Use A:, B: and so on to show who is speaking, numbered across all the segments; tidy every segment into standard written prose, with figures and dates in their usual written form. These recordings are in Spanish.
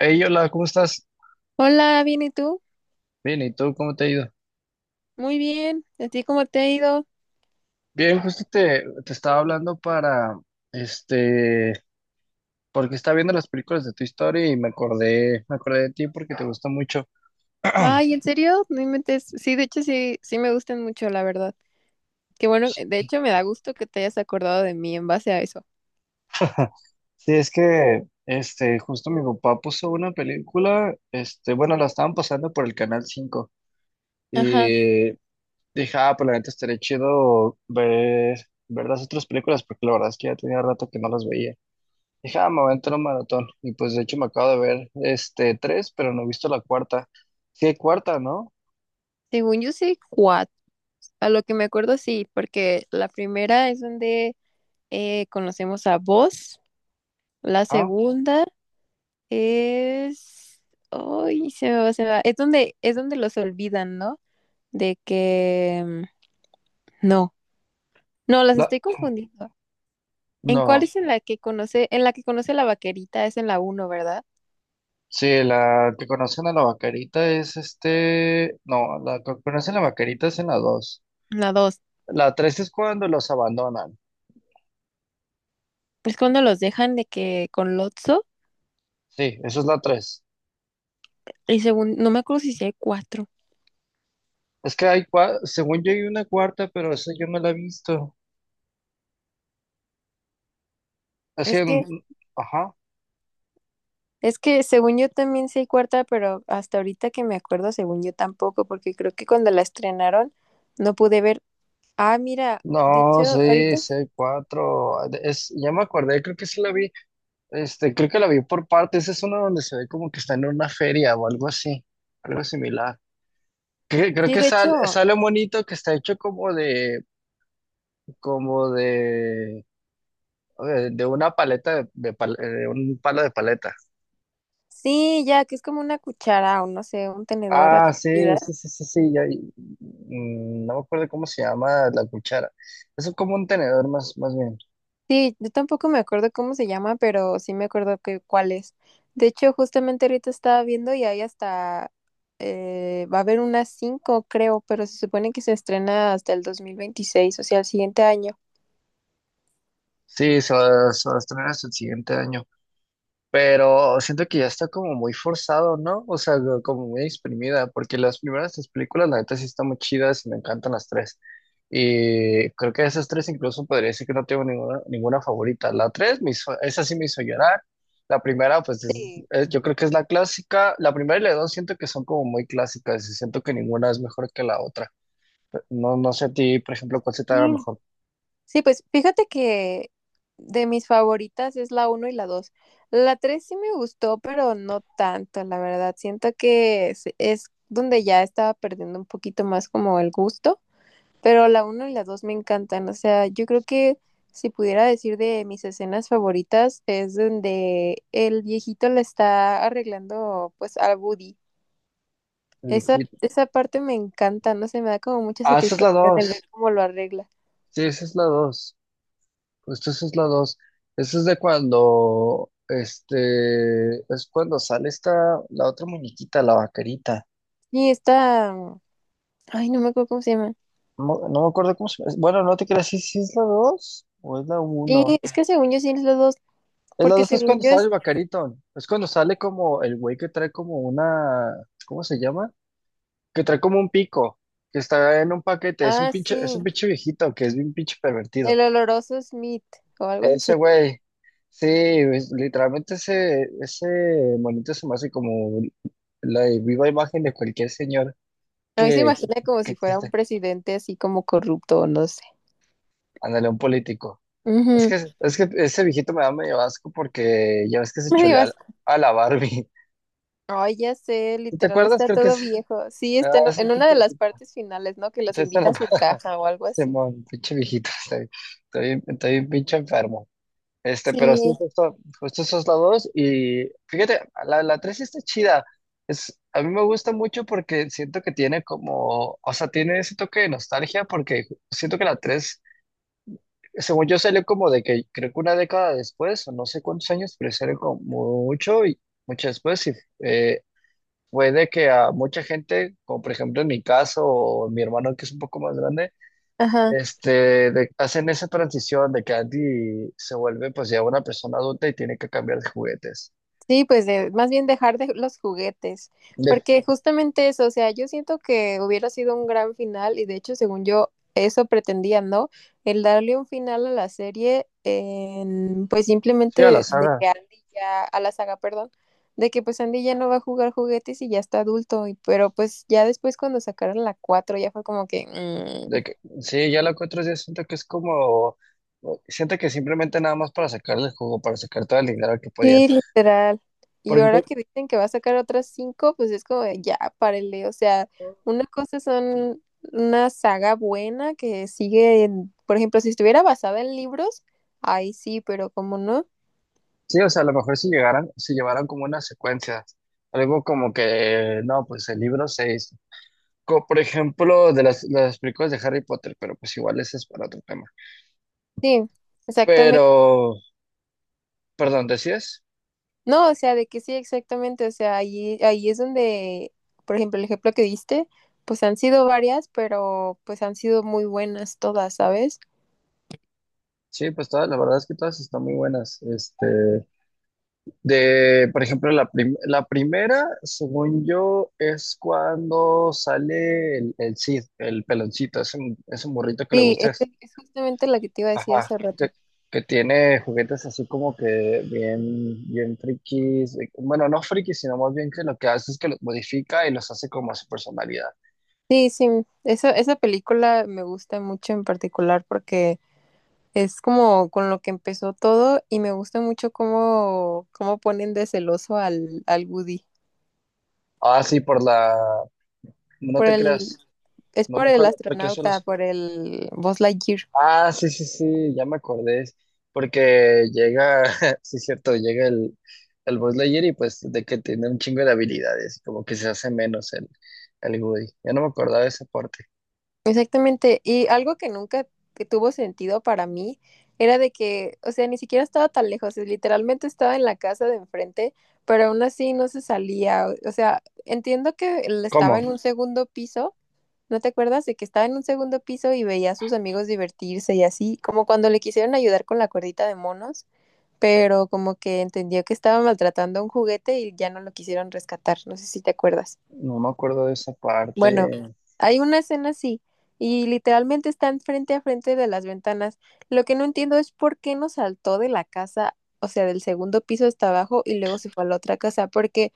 A: Hey, hola, ¿cómo estás?
B: Hola, bien, ¿y tú?
A: Bien, ¿y tú cómo te ha ido?
B: Muy bien. ¿A ti cómo te ha ido?
A: Bien, justo te estaba hablando para, este, porque estaba viendo las películas de tu historia y me acordé de ti porque te gusta mucho.
B: Ay, ¿en serio? No inventes. Sí, de hecho sí, me gustan mucho, la verdad. Qué bueno, de hecho me da gusto que te hayas acordado de mí en base a eso.
A: Sí, es que, justo mi papá puso una película, bueno, la estaban pasando por el Canal cinco
B: Ajá.
A: y dije, ah, pues la neta estaría chido ver las otras películas porque la verdad es que ya tenía rato que no las veía. Dije, ah, me voy a entrar a un maratón. Y pues de hecho me acabo de ver este tres, pero no he visto la cuarta. Sí hay cuarta, ¿no?
B: Según yo sí, cuatro. A lo que me acuerdo sí, porque la primera es donde conocemos a vos. La
A: Ah,
B: segunda es... Ay, se me va, se me va. Es donde los olvidan, ¿no? De que... No, no, las
A: la
B: estoy confundiendo. ¿En cuál
A: no.
B: es en la que conoce, en la que conoce la vaquerita? Es en la uno, ¿verdad?
A: Sí, la que conocen a la vaquerita es este. No, la que conocen a la vaquerita es en la dos.
B: En la dos.
A: La tres es cuando los abandonan.
B: Es cuando los dejan de que con Lotso,
A: Sí, esa es la tres.
B: y según, no me acuerdo si sí hay cuatro.
A: Es que hay según yo hay una cuarta, pero esa yo no la he visto. Así
B: Es que,
A: ajá.
B: es que según yo también sí hay cuarta, pero hasta ahorita que me acuerdo, según yo tampoco, porque creo que cuando la estrenaron no pude ver. Ah, mira, de
A: No,
B: hecho,
A: sí,
B: ahorita,
A: sí hay cuatro. Es, ya me acordé, creo que sí la vi. Creo que la vi por partes. Es una donde se ve como que está en una feria o algo así, algo similar. Creo
B: sí,
A: que
B: de
A: sale,
B: hecho,
A: sale un monito que está hecho como de, como de, de una paleta de, de un palo de paleta.
B: sí, ya, que es como una cuchara o no sé, un tenedor a
A: Ah, sí,
B: comida.
A: sí, sí, sí, sí. No me acuerdo cómo se llama la cuchara. Es como un tenedor más, más bien.
B: Sí, yo tampoco me acuerdo cómo se llama, pero sí me acuerdo que cuál es. De hecho, justamente ahorita estaba viendo y ahí hasta va a haber unas cinco, creo, pero se supone que se estrena hasta el 2026, o sea, el siguiente año.
A: Sí, se va a estrenar hasta el siguiente año. Pero siento que ya está como muy forzado, ¿no? O sea, como muy exprimida, porque las primeras tres películas, la neta, sí están muy chidas y me encantan las tres. Y creo que de esas tres incluso podría decir que no tengo ninguna favorita. La tres, esa sí me hizo llorar. La primera, pues
B: Sí.
A: yo creo que es la clásica. La primera y la dos siento que son como muy clásicas y siento que ninguna es mejor que la otra. No, no sé a ti, por ejemplo, cuál se te haga
B: Sí,
A: mejor.
B: sí, pues fíjate que de mis favoritas es la uno y la 2. La 3 sí me gustó, pero no tanto, la verdad. Siento que es donde ya estaba perdiendo un poquito más como el gusto. Pero la uno y la 2 me encantan. O sea, yo creo que si pudiera decir de mis escenas favoritas es donde el viejito le está arreglando pues a Woody.
A: El
B: Esa,
A: Vigil-
B: esa parte me encanta, no sé, me da como mucha
A: Ah, esa es la
B: satisfacción el
A: dos.
B: ver cómo lo arregla.
A: Sí, esa es la dos. Justo eso es la dos. Eso es de cuando, es cuando sale esta, la otra muñequita, la vaquerita.
B: Y esta, ay, no me acuerdo cómo se llama.
A: No, no me acuerdo cómo se llama. Bueno, no te creas, si es la dos o es la
B: Sí,
A: uno.
B: es que según yo sí es los dos,
A: Es la
B: porque
A: dos es
B: según
A: cuando
B: yo
A: sale el
B: es,
A: vaquerito. Es cuando sale como el güey que trae como una, ¿cómo se llama? Que trae como un pico, que está en un paquete. Es un
B: ah,
A: pinche, es
B: sí,
A: un pinche viejito que es bien pinche pervertido.
B: el oloroso Smith o algo así. Sí.
A: Ese güey, sí, literalmente ese monito se me hace como la viva imagen de cualquier señor
B: A mí se
A: que, que,
B: imagina como
A: que
B: si fuera un
A: existe.
B: presidente así como corrupto, o no sé.
A: Ándale, un político. Es
B: Ujú.
A: que, es que ese viejito me da medio asco porque ya ves que se
B: Me dio.
A: chulea a la Barbie.
B: Ay, ya sé,
A: Sí, ¿te
B: literal
A: acuerdas?
B: está
A: Creo que
B: todo
A: es
B: viejo. Sí, está
A: ese
B: en una
A: pinche
B: de las
A: viejito.
B: partes finales, ¿no? Que los
A: César
B: invita a su
A: Apá-
B: caja o algo así.
A: Simón, pinche viejito. Estoy bien pinche enfermo. Pero sí,
B: Sí,
A: justo esos lados. Y fíjate, la 3 sí está chida. Es, a mí me gusta mucho porque siento que tiene como, o sea, tiene ese toque de nostalgia porque siento que la 3 según yo, salió como de que creo que una década después, o no sé cuántos años, pero salió como mucho y mucho después. Y eh, fue de que a mucha gente, como por ejemplo en mi caso, o mi hermano que es un poco más grande,
B: ajá.
A: hacen esa transición de que Andy se vuelve pues ya una persona adulta y tiene que cambiar de juguetes.
B: Sí, pues de, más bien dejar de los juguetes,
A: De,
B: porque justamente eso, o sea, yo siento que hubiera sido un gran final y de hecho, según yo, eso pretendían, ¿no? El darle un final a la serie, en, pues
A: sí, a la
B: simplemente de
A: saga.
B: que Andy ya, a la saga, perdón, de que pues Andy ya no va a jugar juguetes y ya está adulto, y, pero pues ya después cuando sacaron la 4 ya fue como que... "Mm".
A: De que, sí, ya la cuatro ya siento que es como, siento que simplemente nada más para sacarle el jugo, para sacar todo el dinero que podían.
B: Sí, literal. Y
A: Porque
B: ahora
A: pues,
B: que dicen que va a sacar otras cinco, pues es como de, ya, párele. O sea, una cosa son una saga buena que sigue, en- por ejemplo, si estuviera basada en libros, ahí sí, pero como no.
A: sí, o sea, a lo mejor si llegaran, si llevaran como una secuencia, algo como que, no, pues el libro 6, por ejemplo, de las películas de Harry Potter, pero pues igual ese es para otro tema.
B: Sí, exactamente.
A: Pero, perdón, ¿decías?
B: No, o sea, de que sí, exactamente. O sea, ahí, ahí es donde, por ejemplo, el ejemplo que diste, pues han sido varias, pero pues han sido muy buenas todas, ¿sabes?
A: Sí, pues todas, la verdad es que todas están muy buenas. De, por ejemplo, la primera, según yo, es cuando sale el Cid, el peloncito, es un, burrito que le
B: Sí,
A: gusta,
B: este es justamente la que te iba a decir
A: ajá,
B: hace
A: que,
B: rato.
A: que tiene juguetes así como que bien frikis, bueno, no frikis, sino más bien que lo que hace es que los modifica y los hace como a su personalidad.
B: Sí, sí, esa película me gusta mucho en particular porque es como con lo que empezó todo y me gusta mucho cómo, cómo ponen de celoso al, al Woody.
A: Ah, sí, por la, no
B: Por
A: te
B: el,
A: creas,
B: es
A: no
B: por
A: me
B: el
A: acuerdo por qué eso.
B: astronauta, por el Buzz Lightyear.
A: Ah, sí, sí, sí, ya me acordé. Porque llega, sí es cierto, llega el Buzz Lightyear y pues de que tiene un chingo de habilidades, como que se hace menos el Woody. Ya no me acordaba de esa parte.
B: Exactamente. Y algo que nunca que tuvo sentido para mí era de que, o sea, ni siquiera estaba tan lejos, es- literalmente estaba en la casa de enfrente, pero aún así no se salía. O sea, entiendo que él estaba en
A: ¿Cómo?
B: un segundo piso. ¿No te acuerdas de que estaba en un segundo piso y veía a sus amigos divertirse y así, como cuando le quisieron ayudar con la cuerdita de monos, pero como que entendió que estaba maltratando un juguete y ya no lo quisieron rescatar? No sé si te acuerdas.
A: No me acuerdo de esa
B: Bueno,
A: parte.
B: hay una escena así y literalmente están frente a frente de las ventanas. Lo que no entiendo es por qué no saltó de la casa, o sea, del segundo piso hasta abajo y luego se fue a la otra casa, porque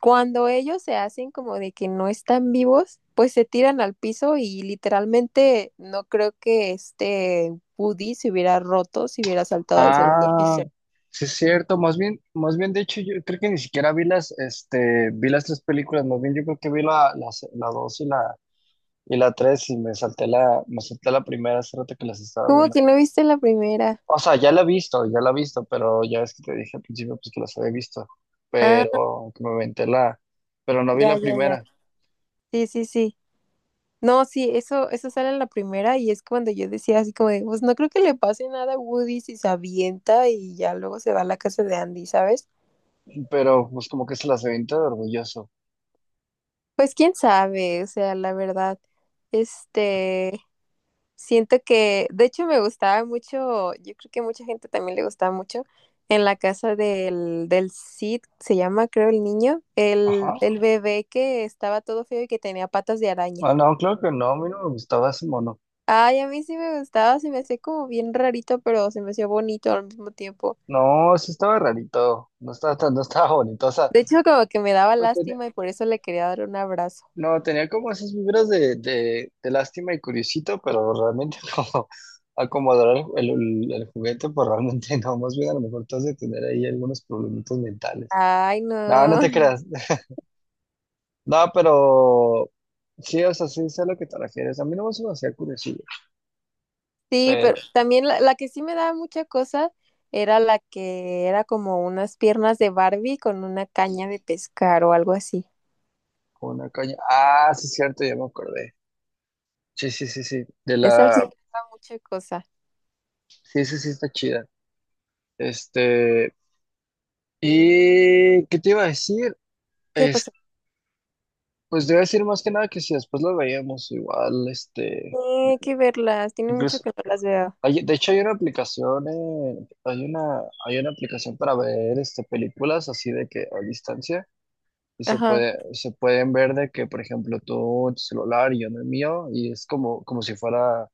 B: cuando ellos se hacen como de que no están vivos, pues se tiran al piso y literalmente no creo que este Woody se hubiera roto si hubiera saltado al segundo
A: Ah,
B: piso.
A: sí es cierto, más bien de hecho yo creo que ni siquiera vi las tres películas, más bien yo creo que vi la dos y y la tres y me salté la primera hace rato que las estaba
B: ¿Cómo
A: viendo.
B: que no viste la primera?
A: O sea, ya la he visto, ya la he visto, pero ya ves que te dije al principio pues que las había visto,
B: Ah,
A: pero que me aventé la, pero no vi
B: ya,
A: la
B: ya, ya.
A: primera,
B: Sí, sí, sí. No, sí, eso sale en la primera y es cuando yo decía así como de, pues no creo que le pase nada a Woody si se avienta y ya luego se va a la casa de Andy, ¿sabes?
A: pero pues como que se las aventé de orgulloso.
B: Pues quién sabe, o sea, la verdad, este, siento que, de hecho, me gustaba mucho, yo creo que a mucha gente también le gustaba mucho, en la casa del, del Cid, se llama, creo, el niño,
A: Ajá.
B: el bebé que estaba todo feo y que tenía patas de araña.
A: Ah, no, claro que no, a mí no me gustaba ese mono.
B: Ay, a mí sí me gustaba, se me hacía como bien rarito, pero se me hacía bonito al mismo tiempo.
A: No, sí estaba rarito, no estaba tan, no estaba bonito, o sea,
B: De hecho, como que me daba
A: pues
B: lástima y por eso le quería dar un abrazo.
A: no, tenía como esas vibras de, de lástima y curiosito, pero realmente como acomodar el juguete, pues realmente no, más bien a lo mejor te has de tener ahí algunos problemitos mentales.
B: Ay,
A: No, no te
B: no.
A: creas. No, pero sí, o sea, sí sé a lo que te refieres. A mí no me hacía curiosillo,
B: Sí, pero
A: pero
B: también la que sí me daba mucha cosa era la que era como unas piernas de Barbie con una caña de pescar o algo así.
A: con una caña. Ah, sí, es cierto, ya me acordé. Sí, sí, sí, sí. De
B: Esa sí
A: la.
B: me daba mucha cosa.
A: Sí, sí, sí, está chida. Este. ¿Y qué te iba a decir?
B: ¿Qué
A: Es-
B: pasó?
A: pues te iba a decir más que nada que si después lo veíamos igual.
B: Tiene que verlas, tiene mucho
A: Incluso.
B: que no las veo.
A: Hay, de hecho, hay una aplicación, hay una aplicación para ver películas así de que a distancia. Y
B: Ajá,
A: se pueden ver de que, por ejemplo, tú en tu celular y yo en el mío, y es como si fuera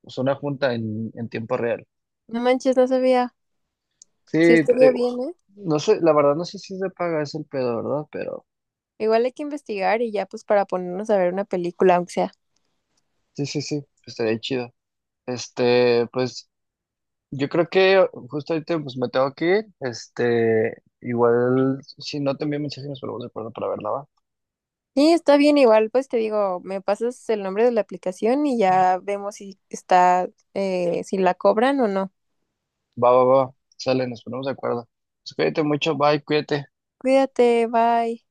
A: pues, una junta en tiempo real.
B: no manches, no sabía.
A: Sí,
B: Sí, estaría
A: pero,
B: bien, ¿eh?
A: no sé, la verdad no sé si se paga, es el pedo, ¿verdad? Pero
B: Igual hay que investigar y ya pues para ponernos a ver una película, aunque sea.
A: sí, sí, sí, estaría chido. Pues yo creo que justo ahorita pues me tengo que ir. Igual, si no te envío mensaje, nos ponemos de acuerdo para verla, ¿va?
B: Sí, está bien, igual pues te digo, me pasas el nombre de la aplicación y ya vemos si está, si la cobran o no.
A: Va, va, va, sale, nos ponemos de acuerdo. Pues cuídate mucho, bye, cuídate.
B: Cuídate, bye.